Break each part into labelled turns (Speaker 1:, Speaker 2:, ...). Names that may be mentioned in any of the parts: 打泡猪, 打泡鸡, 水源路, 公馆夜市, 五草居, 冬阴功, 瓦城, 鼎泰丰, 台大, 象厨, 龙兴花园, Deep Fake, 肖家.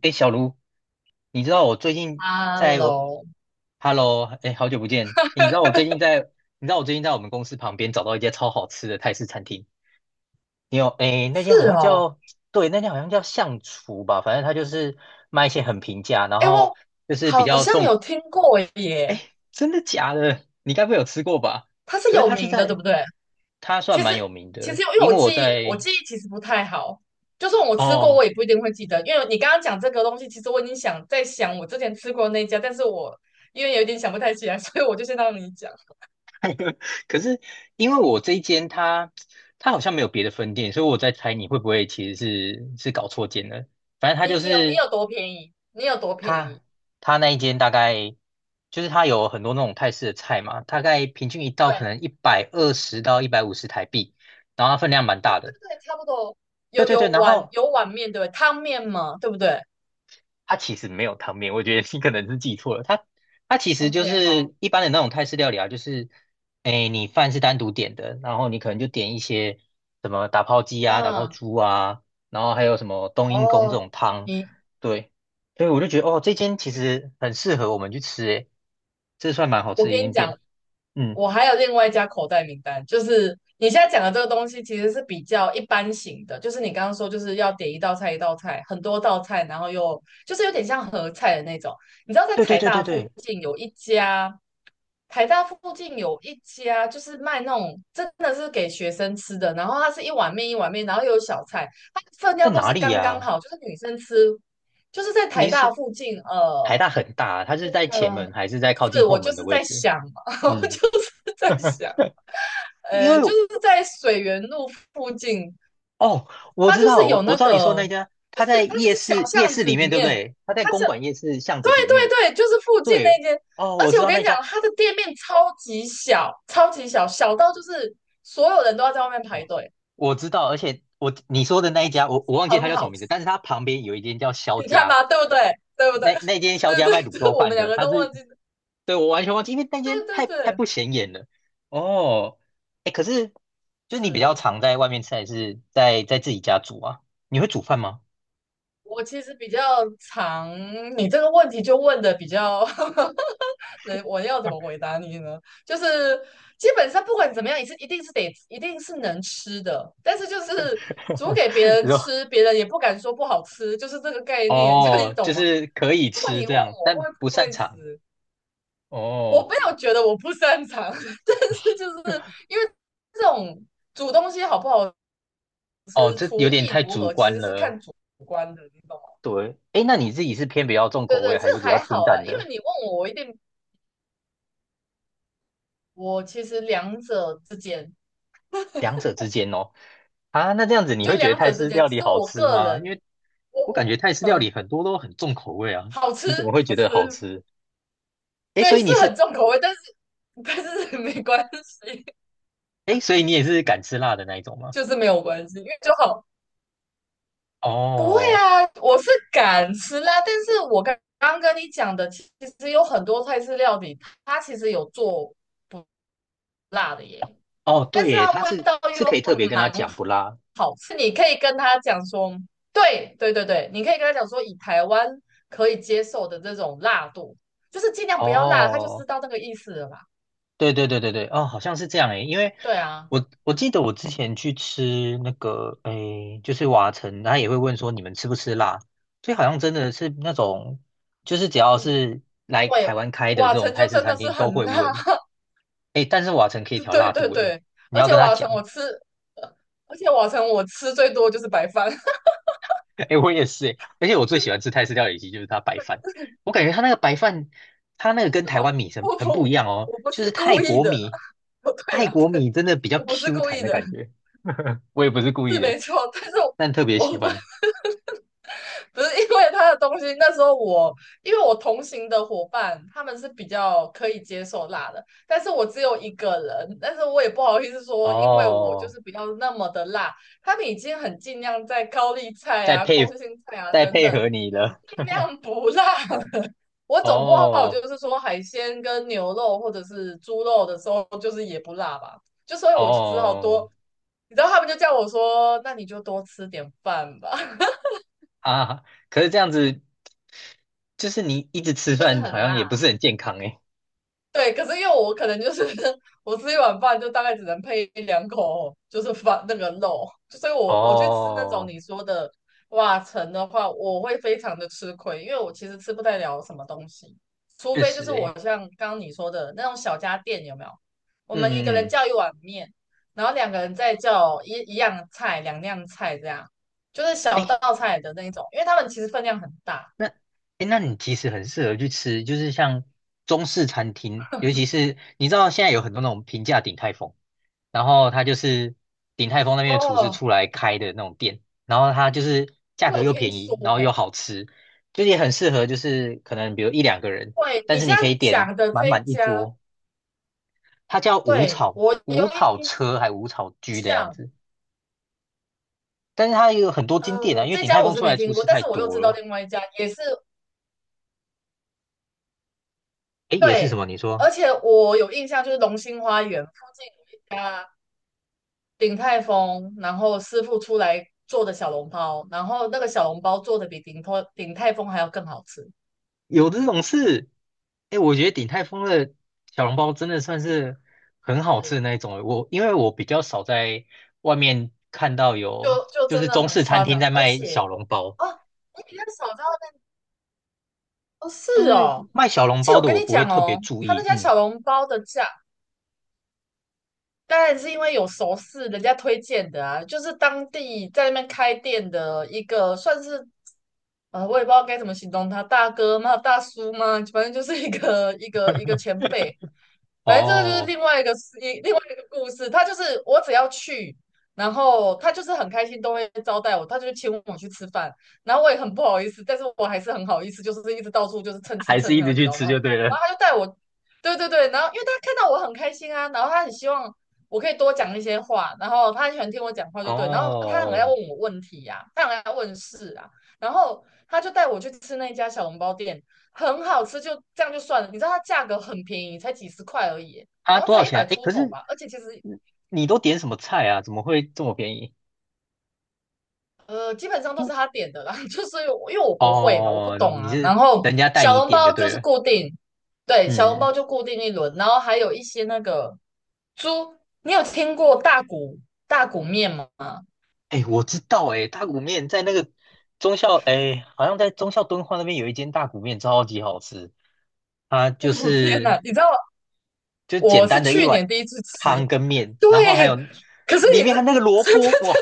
Speaker 1: 哎，小卢，你知道我最近
Speaker 2: 哈
Speaker 1: 在我
Speaker 2: e
Speaker 1: ，Hello，哎，好久不见。诶你知道我最近在，你知道我最近在我们公司旁边找到一家超好吃的泰式餐厅。哎，那间好
Speaker 2: 是
Speaker 1: 像
Speaker 2: 哦。
Speaker 1: 叫，对，那间好像叫象厨吧，反正它就是卖一些很平价，然
Speaker 2: 哎，
Speaker 1: 后
Speaker 2: 我
Speaker 1: 就是比
Speaker 2: 好
Speaker 1: 较
Speaker 2: 像
Speaker 1: 重。
Speaker 2: 有听过
Speaker 1: 哎，
Speaker 2: 耶，
Speaker 1: 真的假的？你该不会有吃过吧？
Speaker 2: 它是
Speaker 1: 可是
Speaker 2: 有
Speaker 1: 它是
Speaker 2: 名的，对
Speaker 1: 在，
Speaker 2: 不对？
Speaker 1: 它算
Speaker 2: 其
Speaker 1: 蛮有
Speaker 2: 实
Speaker 1: 名
Speaker 2: 其实
Speaker 1: 的，
Speaker 2: 因为
Speaker 1: 因
Speaker 2: 我
Speaker 1: 为我
Speaker 2: 记忆我
Speaker 1: 在，
Speaker 2: 记忆其实不太好，就算我吃过，我
Speaker 1: 哦。
Speaker 2: 也不一定会记得，因为你刚刚讲这个东西，其实我已经想在想我之前吃过那一家，但是我因为有点想不太起来，所以我就先让你讲。
Speaker 1: 可是因为我这一间它好像没有别的分店，所以我在猜你会不会其实是搞错间了。反正它
Speaker 2: 你
Speaker 1: 就
Speaker 2: 你有你
Speaker 1: 是
Speaker 2: 有多便宜？你有多便宜？
Speaker 1: 它它那一间大概就是它有很多那种泰式的菜嘛，大概平均一道可
Speaker 2: 对
Speaker 1: 能120到150台币，然后它分量蛮
Speaker 2: 对
Speaker 1: 大
Speaker 2: 对
Speaker 1: 的。
Speaker 2: 对，差不多。
Speaker 1: 对
Speaker 2: 有
Speaker 1: 对
Speaker 2: 有
Speaker 1: 对，然
Speaker 2: 碗
Speaker 1: 后
Speaker 2: 有碗面对不对？汤面嘛，对不对
Speaker 1: 它其实没有汤面，我觉得你可能是记错了。它其实就
Speaker 2: ？OK,好，
Speaker 1: 是一般的那种泰式料理啊，就是哎，你饭是单独点的，然后你可能就点一些什么打泡鸡啊、打泡
Speaker 2: 嗯，
Speaker 1: 猪啊，然后还有什么冬阴功这
Speaker 2: 哦，
Speaker 1: 种汤，
Speaker 2: 你。
Speaker 1: 对，所以我就觉得哦，这间其实很适合我们去吃，诶，这算蛮好
Speaker 2: 我
Speaker 1: 吃的一
Speaker 2: 跟你
Speaker 1: 间
Speaker 2: 讲，
Speaker 1: 店。嗯，
Speaker 2: 我还有另外一家口袋名单，就是你现在讲的这个东西，其实是比较一般型的，就是你刚刚说就是要点一道菜一道菜，很多道菜，然后又就是有点像合菜的那种。你知道在
Speaker 1: 对对
Speaker 2: 台
Speaker 1: 对对
Speaker 2: 大附
Speaker 1: 对，
Speaker 2: 近有一家，台大附近有一家就是卖那种真的是给学生吃的，然后它是一碗面一碗面，然后又有小菜，它分
Speaker 1: 在
Speaker 2: 量都
Speaker 1: 哪
Speaker 2: 是
Speaker 1: 里
Speaker 2: 刚刚
Speaker 1: 呀、
Speaker 2: 好，就是女生吃，就是在台
Speaker 1: 你
Speaker 2: 大
Speaker 1: 是
Speaker 2: 附近，
Speaker 1: 台大很大啊，它是在前
Speaker 2: 呃。
Speaker 1: 门还是在靠
Speaker 2: 是
Speaker 1: 近
Speaker 2: 我
Speaker 1: 后
Speaker 2: 就
Speaker 1: 门的
Speaker 2: 是
Speaker 1: 位
Speaker 2: 在
Speaker 1: 置？
Speaker 2: 想嘛，我就
Speaker 1: 嗯。
Speaker 2: 是在想，
Speaker 1: 因为
Speaker 2: 就是在水源路附近。
Speaker 1: 哦，我
Speaker 2: 它
Speaker 1: 知
Speaker 2: 就
Speaker 1: 道，
Speaker 2: 是
Speaker 1: 我
Speaker 2: 有
Speaker 1: 我
Speaker 2: 那
Speaker 1: 知道你说的
Speaker 2: 个，
Speaker 1: 那家，
Speaker 2: 就
Speaker 1: 他在
Speaker 2: 是它就
Speaker 1: 夜
Speaker 2: 是小
Speaker 1: 市夜
Speaker 2: 巷
Speaker 1: 市
Speaker 2: 子
Speaker 1: 里面，
Speaker 2: 里
Speaker 1: 对不
Speaker 2: 面，
Speaker 1: 对？他在
Speaker 2: 它
Speaker 1: 公
Speaker 2: 是
Speaker 1: 馆夜市巷子
Speaker 2: 对
Speaker 1: 里面。
Speaker 2: 对对，就是附近那
Speaker 1: 对，
Speaker 2: 间。
Speaker 1: 哦，
Speaker 2: 而
Speaker 1: 我
Speaker 2: 且
Speaker 1: 知
Speaker 2: 我
Speaker 1: 道
Speaker 2: 跟
Speaker 1: 那
Speaker 2: 你讲，
Speaker 1: 家，
Speaker 2: 它的店面超级小，超级小，小到就是所有人都要在外面排
Speaker 1: 我
Speaker 2: 队，
Speaker 1: 我知道，而且你说的那一家，我忘记他
Speaker 2: 很
Speaker 1: 叫什么
Speaker 2: 好
Speaker 1: 名
Speaker 2: 吃。
Speaker 1: 字，但是他旁边有一间叫肖
Speaker 2: 你看
Speaker 1: 家，
Speaker 2: 吧，对不对？对不对？
Speaker 1: 那间 肖
Speaker 2: 对
Speaker 1: 家卖
Speaker 2: 对，
Speaker 1: 卤
Speaker 2: 对，
Speaker 1: 肉
Speaker 2: 我们
Speaker 1: 饭
Speaker 2: 两
Speaker 1: 的，
Speaker 2: 个
Speaker 1: 他
Speaker 2: 都
Speaker 1: 是，
Speaker 2: 忘记了，
Speaker 1: 对，我完全忘记，因为那
Speaker 2: 对
Speaker 1: 间太
Speaker 2: 对
Speaker 1: 太
Speaker 2: 对，
Speaker 1: 不显眼了。哦，哎，可是就是你比较
Speaker 2: 是。
Speaker 1: 常在外面吃，还是在自己家煮啊？你会煮饭吗？
Speaker 2: 我其实比较常，你这个问题就问的比较，能我要怎么回答你呢？就是基本上不管怎么样，也是一定是能吃的，但是就是煮给别 人
Speaker 1: 你说
Speaker 2: 吃，别人也不敢说不好吃，就是这个概念，这样你
Speaker 1: 哦，
Speaker 2: 懂
Speaker 1: 就
Speaker 2: 吗？
Speaker 1: 是可以
Speaker 2: 如果
Speaker 1: 吃
Speaker 2: 你
Speaker 1: 这
Speaker 2: 问
Speaker 1: 样，
Speaker 2: 我
Speaker 1: 但
Speaker 2: 会不
Speaker 1: 不擅
Speaker 2: 会
Speaker 1: 长。
Speaker 2: 吃，我
Speaker 1: 哦
Speaker 2: 没有觉得我不擅长，但是就是 因为这种煮东西好不好
Speaker 1: 哦，这有点太主观了。
Speaker 2: 无关的，你懂吗？
Speaker 1: 对，哎，那你自己是偏比较重
Speaker 2: 对
Speaker 1: 口
Speaker 2: 对，
Speaker 1: 味，
Speaker 2: 这
Speaker 1: 还是比较
Speaker 2: 还
Speaker 1: 清
Speaker 2: 好啦，
Speaker 1: 淡
Speaker 2: 因
Speaker 1: 的？
Speaker 2: 为你问我，我一定我其实两者之间，
Speaker 1: 两者之间哦。啊，那这样子你
Speaker 2: 就
Speaker 1: 会觉得
Speaker 2: 两
Speaker 1: 泰
Speaker 2: 者之
Speaker 1: 式
Speaker 2: 间，
Speaker 1: 料
Speaker 2: 其
Speaker 1: 理
Speaker 2: 实
Speaker 1: 好
Speaker 2: 我
Speaker 1: 吃
Speaker 2: 个
Speaker 1: 吗？因
Speaker 2: 人，
Speaker 1: 为
Speaker 2: 我
Speaker 1: 我感觉
Speaker 2: 我
Speaker 1: 泰式料
Speaker 2: 嗯，
Speaker 1: 理很多都很重口味啊，
Speaker 2: 好吃
Speaker 1: 你怎么会
Speaker 2: 好
Speaker 1: 觉得
Speaker 2: 吃。
Speaker 1: 好吃？哎，所
Speaker 2: 对，
Speaker 1: 以
Speaker 2: 是
Speaker 1: 你是，
Speaker 2: 很重口味，但是但是 没关系，
Speaker 1: 哎，所以你也是敢吃辣的那一种吗？
Speaker 2: 就是没有关系，因为就好，不会
Speaker 1: 哦
Speaker 2: 啊，我是敢吃辣，但是我刚刚跟你讲的，其实有很多菜式料理，它其实有做辣的耶。
Speaker 1: 哦，对
Speaker 2: 但是
Speaker 1: 耶，
Speaker 2: 它
Speaker 1: 他
Speaker 2: 味
Speaker 1: 是
Speaker 2: 道
Speaker 1: 是可以
Speaker 2: 又
Speaker 1: 特别跟他
Speaker 2: 蛮
Speaker 1: 讲不辣。
Speaker 2: 好，是你可以跟他讲说，对对对对，你可以跟他讲说，以台湾可以接受的这种辣度，就是尽量不要辣，他就知
Speaker 1: 哦
Speaker 2: 道那个意思了啦。
Speaker 1: 对对对对对，哦，好像是这样诶，因为
Speaker 2: 对啊，
Speaker 1: 我记得我之前去吃那个诶，就是瓦城，他也会问说你们吃不吃辣，所以好像真的是那种，就是只要
Speaker 2: 嗯，
Speaker 1: 是来台
Speaker 2: 对，
Speaker 1: 湾开的
Speaker 2: 瓦
Speaker 1: 这种
Speaker 2: 城
Speaker 1: 泰
Speaker 2: 就
Speaker 1: 式
Speaker 2: 真
Speaker 1: 餐
Speaker 2: 的是
Speaker 1: 厅都
Speaker 2: 很
Speaker 1: 会
Speaker 2: 辣，
Speaker 1: 问，诶，但是瓦城可以
Speaker 2: 对
Speaker 1: 调
Speaker 2: 对
Speaker 1: 辣
Speaker 2: 对
Speaker 1: 度诶，
Speaker 2: 对，
Speaker 1: 你
Speaker 2: 而
Speaker 1: 要
Speaker 2: 且
Speaker 1: 跟他
Speaker 2: 瓦城我
Speaker 1: 讲。
Speaker 2: 吃，而且瓦城我吃最多就是白饭，真的
Speaker 1: 哎、我也是哎、而且我最喜欢吃泰式料理机就是它白饭，我感觉它那个白饭，它那个跟台湾米很
Speaker 2: 我
Speaker 1: 很不一
Speaker 2: 不
Speaker 1: 样哦，
Speaker 2: 我不
Speaker 1: 就是
Speaker 2: 是
Speaker 1: 泰
Speaker 2: 故意
Speaker 1: 国
Speaker 2: 的啦，
Speaker 1: 米，
Speaker 2: 不对
Speaker 1: 泰
Speaker 2: 啦，
Speaker 1: 国米 真的比较
Speaker 2: 我不是
Speaker 1: Q
Speaker 2: 故
Speaker 1: 弹
Speaker 2: 意
Speaker 1: 的
Speaker 2: 的，
Speaker 1: 感觉，我也不是故意
Speaker 2: 是
Speaker 1: 的，
Speaker 2: 没错，但是我
Speaker 1: 但特别喜
Speaker 2: 我不
Speaker 1: 欢
Speaker 2: 不是因为他的东西，那时候我因为我同行的伙伴他们是比较可以接受辣的，但是我只有一个人，但是我也不好意思说，因为我就
Speaker 1: 哦，
Speaker 2: 是比较那么的辣，他们已经很尽量在高丽菜
Speaker 1: 再
Speaker 2: 啊、
Speaker 1: 配
Speaker 2: 空心菜啊
Speaker 1: 再
Speaker 2: 等
Speaker 1: 配合
Speaker 2: 等
Speaker 1: 你的
Speaker 2: 尽量不辣。我总不好就
Speaker 1: 哦
Speaker 2: 是说海鲜跟牛肉或者是猪肉的时候，就是也不辣吧，就所以我就只好
Speaker 1: 哦
Speaker 2: 多，你知道他们就叫我说，那你就多吃点饭吧，
Speaker 1: 啊，可是这样子就是你一直吃
Speaker 2: 就是
Speaker 1: 饭好
Speaker 2: 很
Speaker 1: 像
Speaker 2: 辣。
Speaker 1: 也不是很健康哎，
Speaker 2: 对，可是因为我可能就是 我吃一碗饭就大概只能配一两口，就是饭那个肉，所以我去吃那种
Speaker 1: 哦，
Speaker 2: 你说的瓦城的话，我会非常的吃亏，因为我其实吃不太了什么东西，除
Speaker 1: 确
Speaker 2: 非就
Speaker 1: 实
Speaker 2: 是
Speaker 1: 哎，
Speaker 2: 我像刚刚你说的那种小家店有没有？我
Speaker 1: 嗯
Speaker 2: 们一个
Speaker 1: 嗯
Speaker 2: 人
Speaker 1: 嗯。
Speaker 2: 叫一碗面，然后两个人再叫一样菜、两样菜这样，就是小
Speaker 1: 哎，
Speaker 2: 道菜的那种，因为他们其实分量很大
Speaker 1: 那，诶，那你其实很适合去吃，就是像中式餐厅，尤其是你知道现在有很多那种平价鼎泰丰，然后它就是鼎泰丰那边的厨师
Speaker 2: 哦。
Speaker 1: 出来开的那种店，然后它就是价
Speaker 2: 我
Speaker 1: 格
Speaker 2: 有
Speaker 1: 又
Speaker 2: 听
Speaker 1: 便宜，
Speaker 2: 说
Speaker 1: 然后又
Speaker 2: 欸。
Speaker 1: 好吃，就是也很适合，就是可能比如一两个人，
Speaker 2: 对，
Speaker 1: 但
Speaker 2: 你
Speaker 1: 是
Speaker 2: 现
Speaker 1: 你可
Speaker 2: 在
Speaker 1: 以点
Speaker 2: 讲的
Speaker 1: 满
Speaker 2: 这一
Speaker 1: 满一
Speaker 2: 家，
Speaker 1: 桌，它叫
Speaker 2: 对，我有
Speaker 1: 五草
Speaker 2: 印
Speaker 1: 车还五草居的样
Speaker 2: 象。
Speaker 1: 子，但是它有很多间
Speaker 2: 呃，
Speaker 1: 店啊，因为
Speaker 2: 这
Speaker 1: 鼎
Speaker 2: 家
Speaker 1: 泰
Speaker 2: 我
Speaker 1: 丰
Speaker 2: 是
Speaker 1: 出来
Speaker 2: 没
Speaker 1: 的厨
Speaker 2: 听过，
Speaker 1: 师
Speaker 2: 但
Speaker 1: 太
Speaker 2: 是我又
Speaker 1: 多
Speaker 2: 知道
Speaker 1: 了，
Speaker 2: 另外一家也是
Speaker 1: 诶，也是什么
Speaker 2: 对，
Speaker 1: 你说？
Speaker 2: 而且我有印象，就是龙兴花园附近有一家鼎泰丰，然后师傅出来做的小笼包，然后那个小笼包做的比鼎泰丰还要更好吃，
Speaker 1: 有这种事？哎，我觉得鼎泰丰的小笼包真的算是很好吃的
Speaker 2: 是，
Speaker 1: 那一种。我因为我比较少在外面看到有
Speaker 2: 就就
Speaker 1: 就
Speaker 2: 真
Speaker 1: 是
Speaker 2: 的
Speaker 1: 中
Speaker 2: 很
Speaker 1: 式餐
Speaker 2: 夸
Speaker 1: 厅
Speaker 2: 张。
Speaker 1: 在
Speaker 2: 而
Speaker 1: 卖小
Speaker 2: 且
Speaker 1: 笼包，
Speaker 2: 哦，你比较少知道那哦，是
Speaker 1: 就是
Speaker 2: 哦，
Speaker 1: 卖小
Speaker 2: 而
Speaker 1: 笼
Speaker 2: 且
Speaker 1: 包
Speaker 2: 我
Speaker 1: 的
Speaker 2: 跟
Speaker 1: 我
Speaker 2: 你
Speaker 1: 不会
Speaker 2: 讲
Speaker 1: 特别
Speaker 2: 哦，
Speaker 1: 注
Speaker 2: 他那
Speaker 1: 意。
Speaker 2: 家
Speaker 1: 嗯，
Speaker 2: 小笼包的价。当然是因为有熟识，人家推荐的啊，就是当地在那边开店的一个，算是呃，我也不知道该怎么形容他，大哥吗？大叔吗？反正就是一个前辈。反正这个就是
Speaker 1: 哦，
Speaker 2: 另外一个事，一另外一个故事。他就是我只要去，然后他就是很开心，都会招待我，他就请我去吃饭，然后我也很不好意思，但是我还是很好意思，就是一直到处就是蹭吃
Speaker 1: 还是
Speaker 2: 蹭
Speaker 1: 一
Speaker 2: 喝，
Speaker 1: 直
Speaker 2: 你知
Speaker 1: 去
Speaker 2: 道
Speaker 1: 吃
Speaker 2: 吗？
Speaker 1: 就对
Speaker 2: 然后
Speaker 1: 了。
Speaker 2: 他就带我，对对对，然后因为他看到我很开心啊，然后他很希望我可以多讲一些话，然后他很喜欢听我讲话，就对，然后他很爱
Speaker 1: 哦，
Speaker 2: 问我问题呀、他很爱问事啊，然后他就带我去吃那家小笼包店。很好吃，就这样就算了。你知道它价格很便宜，才几十块而已，
Speaker 1: 啊，
Speaker 2: 好像
Speaker 1: 多
Speaker 2: 才
Speaker 1: 少
Speaker 2: 一
Speaker 1: 钱啊？
Speaker 2: 百
Speaker 1: 哎，
Speaker 2: 出
Speaker 1: 可
Speaker 2: 头
Speaker 1: 是
Speaker 2: 吧。而且其实
Speaker 1: 你你都点什么菜啊？怎么会这么便宜？
Speaker 2: 呃，基本上
Speaker 1: 因
Speaker 2: 都
Speaker 1: 为
Speaker 2: 是他点的啦，就是我因为我不会嘛，我不
Speaker 1: 哦，
Speaker 2: 懂
Speaker 1: 你
Speaker 2: 啊。然
Speaker 1: 是
Speaker 2: 后
Speaker 1: 人家带
Speaker 2: 小
Speaker 1: 你
Speaker 2: 笼包
Speaker 1: 点就
Speaker 2: 就
Speaker 1: 对
Speaker 2: 是
Speaker 1: 了。
Speaker 2: 固定，对，小笼
Speaker 1: 嗯。
Speaker 2: 包就固定一轮，然后还有一些那个猪，你有听过大骨面吗？
Speaker 1: 哎，我知道哎，大骨面在那个忠孝哎，好像在忠孝敦煌那边有一间大骨面，超级好吃。它就
Speaker 2: 我天
Speaker 1: 是
Speaker 2: 哪，你知道我
Speaker 1: 简
Speaker 2: 是
Speaker 1: 单的一
Speaker 2: 去年
Speaker 1: 碗
Speaker 2: 第一次
Speaker 1: 汤
Speaker 2: 吃，
Speaker 1: 跟面，
Speaker 2: 对，
Speaker 1: 然后还有
Speaker 2: 可是
Speaker 1: 里
Speaker 2: 你
Speaker 1: 面
Speaker 2: 这
Speaker 1: 还有那个萝卜，哇，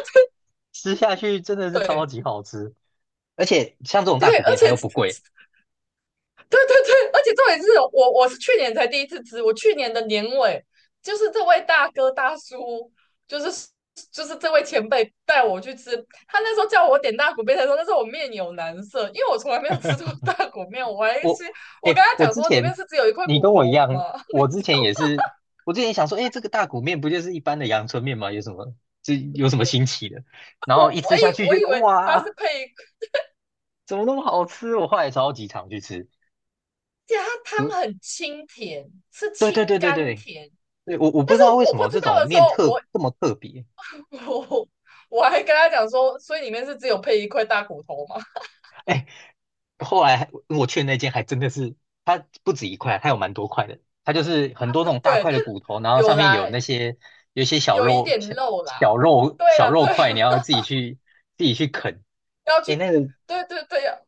Speaker 1: 吃下去真的 是超
Speaker 2: 对
Speaker 1: 级好吃。而且像这种
Speaker 2: 对，
Speaker 1: 大骨
Speaker 2: 而
Speaker 1: 面，它
Speaker 2: 且
Speaker 1: 又不贵。
Speaker 2: 对对对，而且重点是我是去年才第一次吃，我去年的年尾就是这位大哥大叔，就是就是这位前辈带我去吃，他那时候叫我点大骨面的时候，那时候我面有难色，因为我从来没有吃过大骨面，我还
Speaker 1: 我
Speaker 2: 是我跟
Speaker 1: 哎，
Speaker 2: 他
Speaker 1: 我
Speaker 2: 讲
Speaker 1: 之
Speaker 2: 说里面
Speaker 1: 前
Speaker 2: 是只有一块
Speaker 1: 你
Speaker 2: 骨
Speaker 1: 跟我一
Speaker 2: 头
Speaker 1: 样，
Speaker 2: 吗？
Speaker 1: 我 之前也是，我之前想说，哎，这个大骨面不就是一般的阳春面吗？有什么这有什么新奇的？然后一吃下去，
Speaker 2: 我
Speaker 1: 觉
Speaker 2: 以
Speaker 1: 得
Speaker 2: 为他
Speaker 1: 哇。
Speaker 2: 是配，而
Speaker 1: 怎么那么好吃？我后来超级常去吃。
Speaker 2: 且它
Speaker 1: 嗯
Speaker 2: 汤很清甜，是
Speaker 1: 对对
Speaker 2: 清
Speaker 1: 对对
Speaker 2: 甘
Speaker 1: 对，
Speaker 2: 甜，
Speaker 1: 对我不
Speaker 2: 但
Speaker 1: 知
Speaker 2: 是
Speaker 1: 道为
Speaker 2: 我
Speaker 1: 什
Speaker 2: 不
Speaker 1: 么
Speaker 2: 知
Speaker 1: 这
Speaker 2: 道
Speaker 1: 种
Speaker 2: 的时候，
Speaker 1: 面特
Speaker 2: 我
Speaker 1: 这么特别。
Speaker 2: 我我还跟他讲说，所以里面是只有配一块大骨头吗？
Speaker 1: 哎，后来我去的那间还真的是，它不止一块，它有蛮多块的。它就是很多那种 大
Speaker 2: 对，但
Speaker 1: 块的骨头，然后
Speaker 2: 有
Speaker 1: 上面
Speaker 2: 啦，
Speaker 1: 有那些有一些小
Speaker 2: 有一
Speaker 1: 肉
Speaker 2: 点
Speaker 1: 小
Speaker 2: 肉啦。
Speaker 1: 小肉
Speaker 2: 对
Speaker 1: 小
Speaker 2: 呀，
Speaker 1: 肉
Speaker 2: 对
Speaker 1: 块，
Speaker 2: 啊，
Speaker 1: 你要 自己去啃。
Speaker 2: 要去，
Speaker 1: 哎，那个
Speaker 2: 对对对，呀，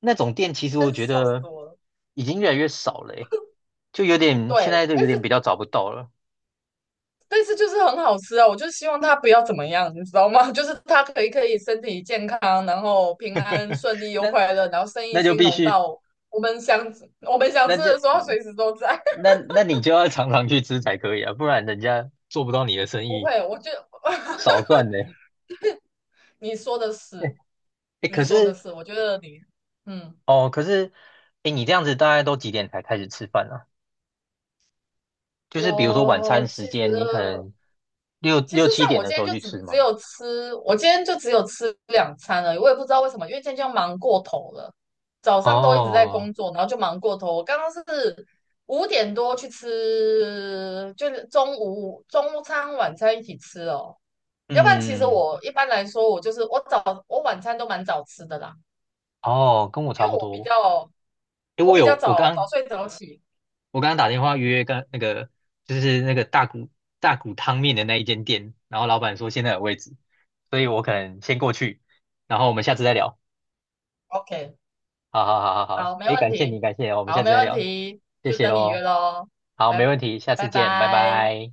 Speaker 1: 那种店其实
Speaker 2: 真
Speaker 1: 我
Speaker 2: 是
Speaker 1: 觉
Speaker 2: 笑死
Speaker 1: 得
Speaker 2: 我了。
Speaker 1: 已经越来越少了，哎，就有点现
Speaker 2: 对，
Speaker 1: 在就有
Speaker 2: 但
Speaker 1: 点比
Speaker 2: 是
Speaker 1: 较找不到了。
Speaker 2: 但是就是很好吃啊，我就希望它不要怎么样，你知道吗？就是它可以可以身体健康，然后平安顺利又
Speaker 1: 那
Speaker 2: 快乐，然后生意
Speaker 1: 那就
Speaker 2: 兴
Speaker 1: 必
Speaker 2: 隆
Speaker 1: 须，
Speaker 2: 到我们想我们想
Speaker 1: 那
Speaker 2: 吃
Speaker 1: 就
Speaker 2: 的时候随时都在。
Speaker 1: 那那你就要常常去吃才可以啊，不然人家做不到你的生
Speaker 2: 不
Speaker 1: 意，
Speaker 2: 会，我觉得
Speaker 1: 少 赚呢。
Speaker 2: 你说的 是，
Speaker 1: 哎，
Speaker 2: 你
Speaker 1: 可
Speaker 2: 说的
Speaker 1: 是
Speaker 2: 是，我觉得你，嗯，
Speaker 1: 哦，可是哎，你这样子大概都几点才开始吃饭啊？就是比如说晚餐
Speaker 2: 我其
Speaker 1: 时间，你可
Speaker 2: 实
Speaker 1: 能六六七
Speaker 2: 像
Speaker 1: 点
Speaker 2: 我
Speaker 1: 的
Speaker 2: 今
Speaker 1: 时
Speaker 2: 天
Speaker 1: 候
Speaker 2: 就
Speaker 1: 去
Speaker 2: 只
Speaker 1: 吃
Speaker 2: 只
Speaker 1: 吗？
Speaker 2: 有吃，我今天就只有吃两餐了，我也不知道为什么，因为今天就忙过头了，早上都一直在
Speaker 1: 哦
Speaker 2: 工作，然后就忙过头。我刚刚是五点多去吃，就是中午中餐晚餐一起吃哦。要不然其实
Speaker 1: 嗯，
Speaker 2: 我一般来说，我就是我早我晚餐都蛮早吃的啦，
Speaker 1: 哦，跟我差
Speaker 2: 因为
Speaker 1: 不多。哎，
Speaker 2: 我比较早早睡早起。
Speaker 1: 我刚刚打电话约跟那个就是那个大骨汤面的那一间店，然后老板说现在有位置，所以我可能先过去，然后我们下次再聊。
Speaker 2: OK,
Speaker 1: 好好好好好，
Speaker 2: 好，没
Speaker 1: 哎，
Speaker 2: 问
Speaker 1: 感谢
Speaker 2: 题，
Speaker 1: 你，感谢你，我们下
Speaker 2: 好，
Speaker 1: 次
Speaker 2: 没
Speaker 1: 再
Speaker 2: 问
Speaker 1: 聊，
Speaker 2: 题，
Speaker 1: 谢
Speaker 2: 就
Speaker 1: 谢
Speaker 2: 等你约
Speaker 1: 喽。
Speaker 2: 喽，
Speaker 1: 好，没
Speaker 2: 拜
Speaker 1: 问题，下次
Speaker 2: 拜
Speaker 1: 见，拜
Speaker 2: 拜。
Speaker 1: 拜。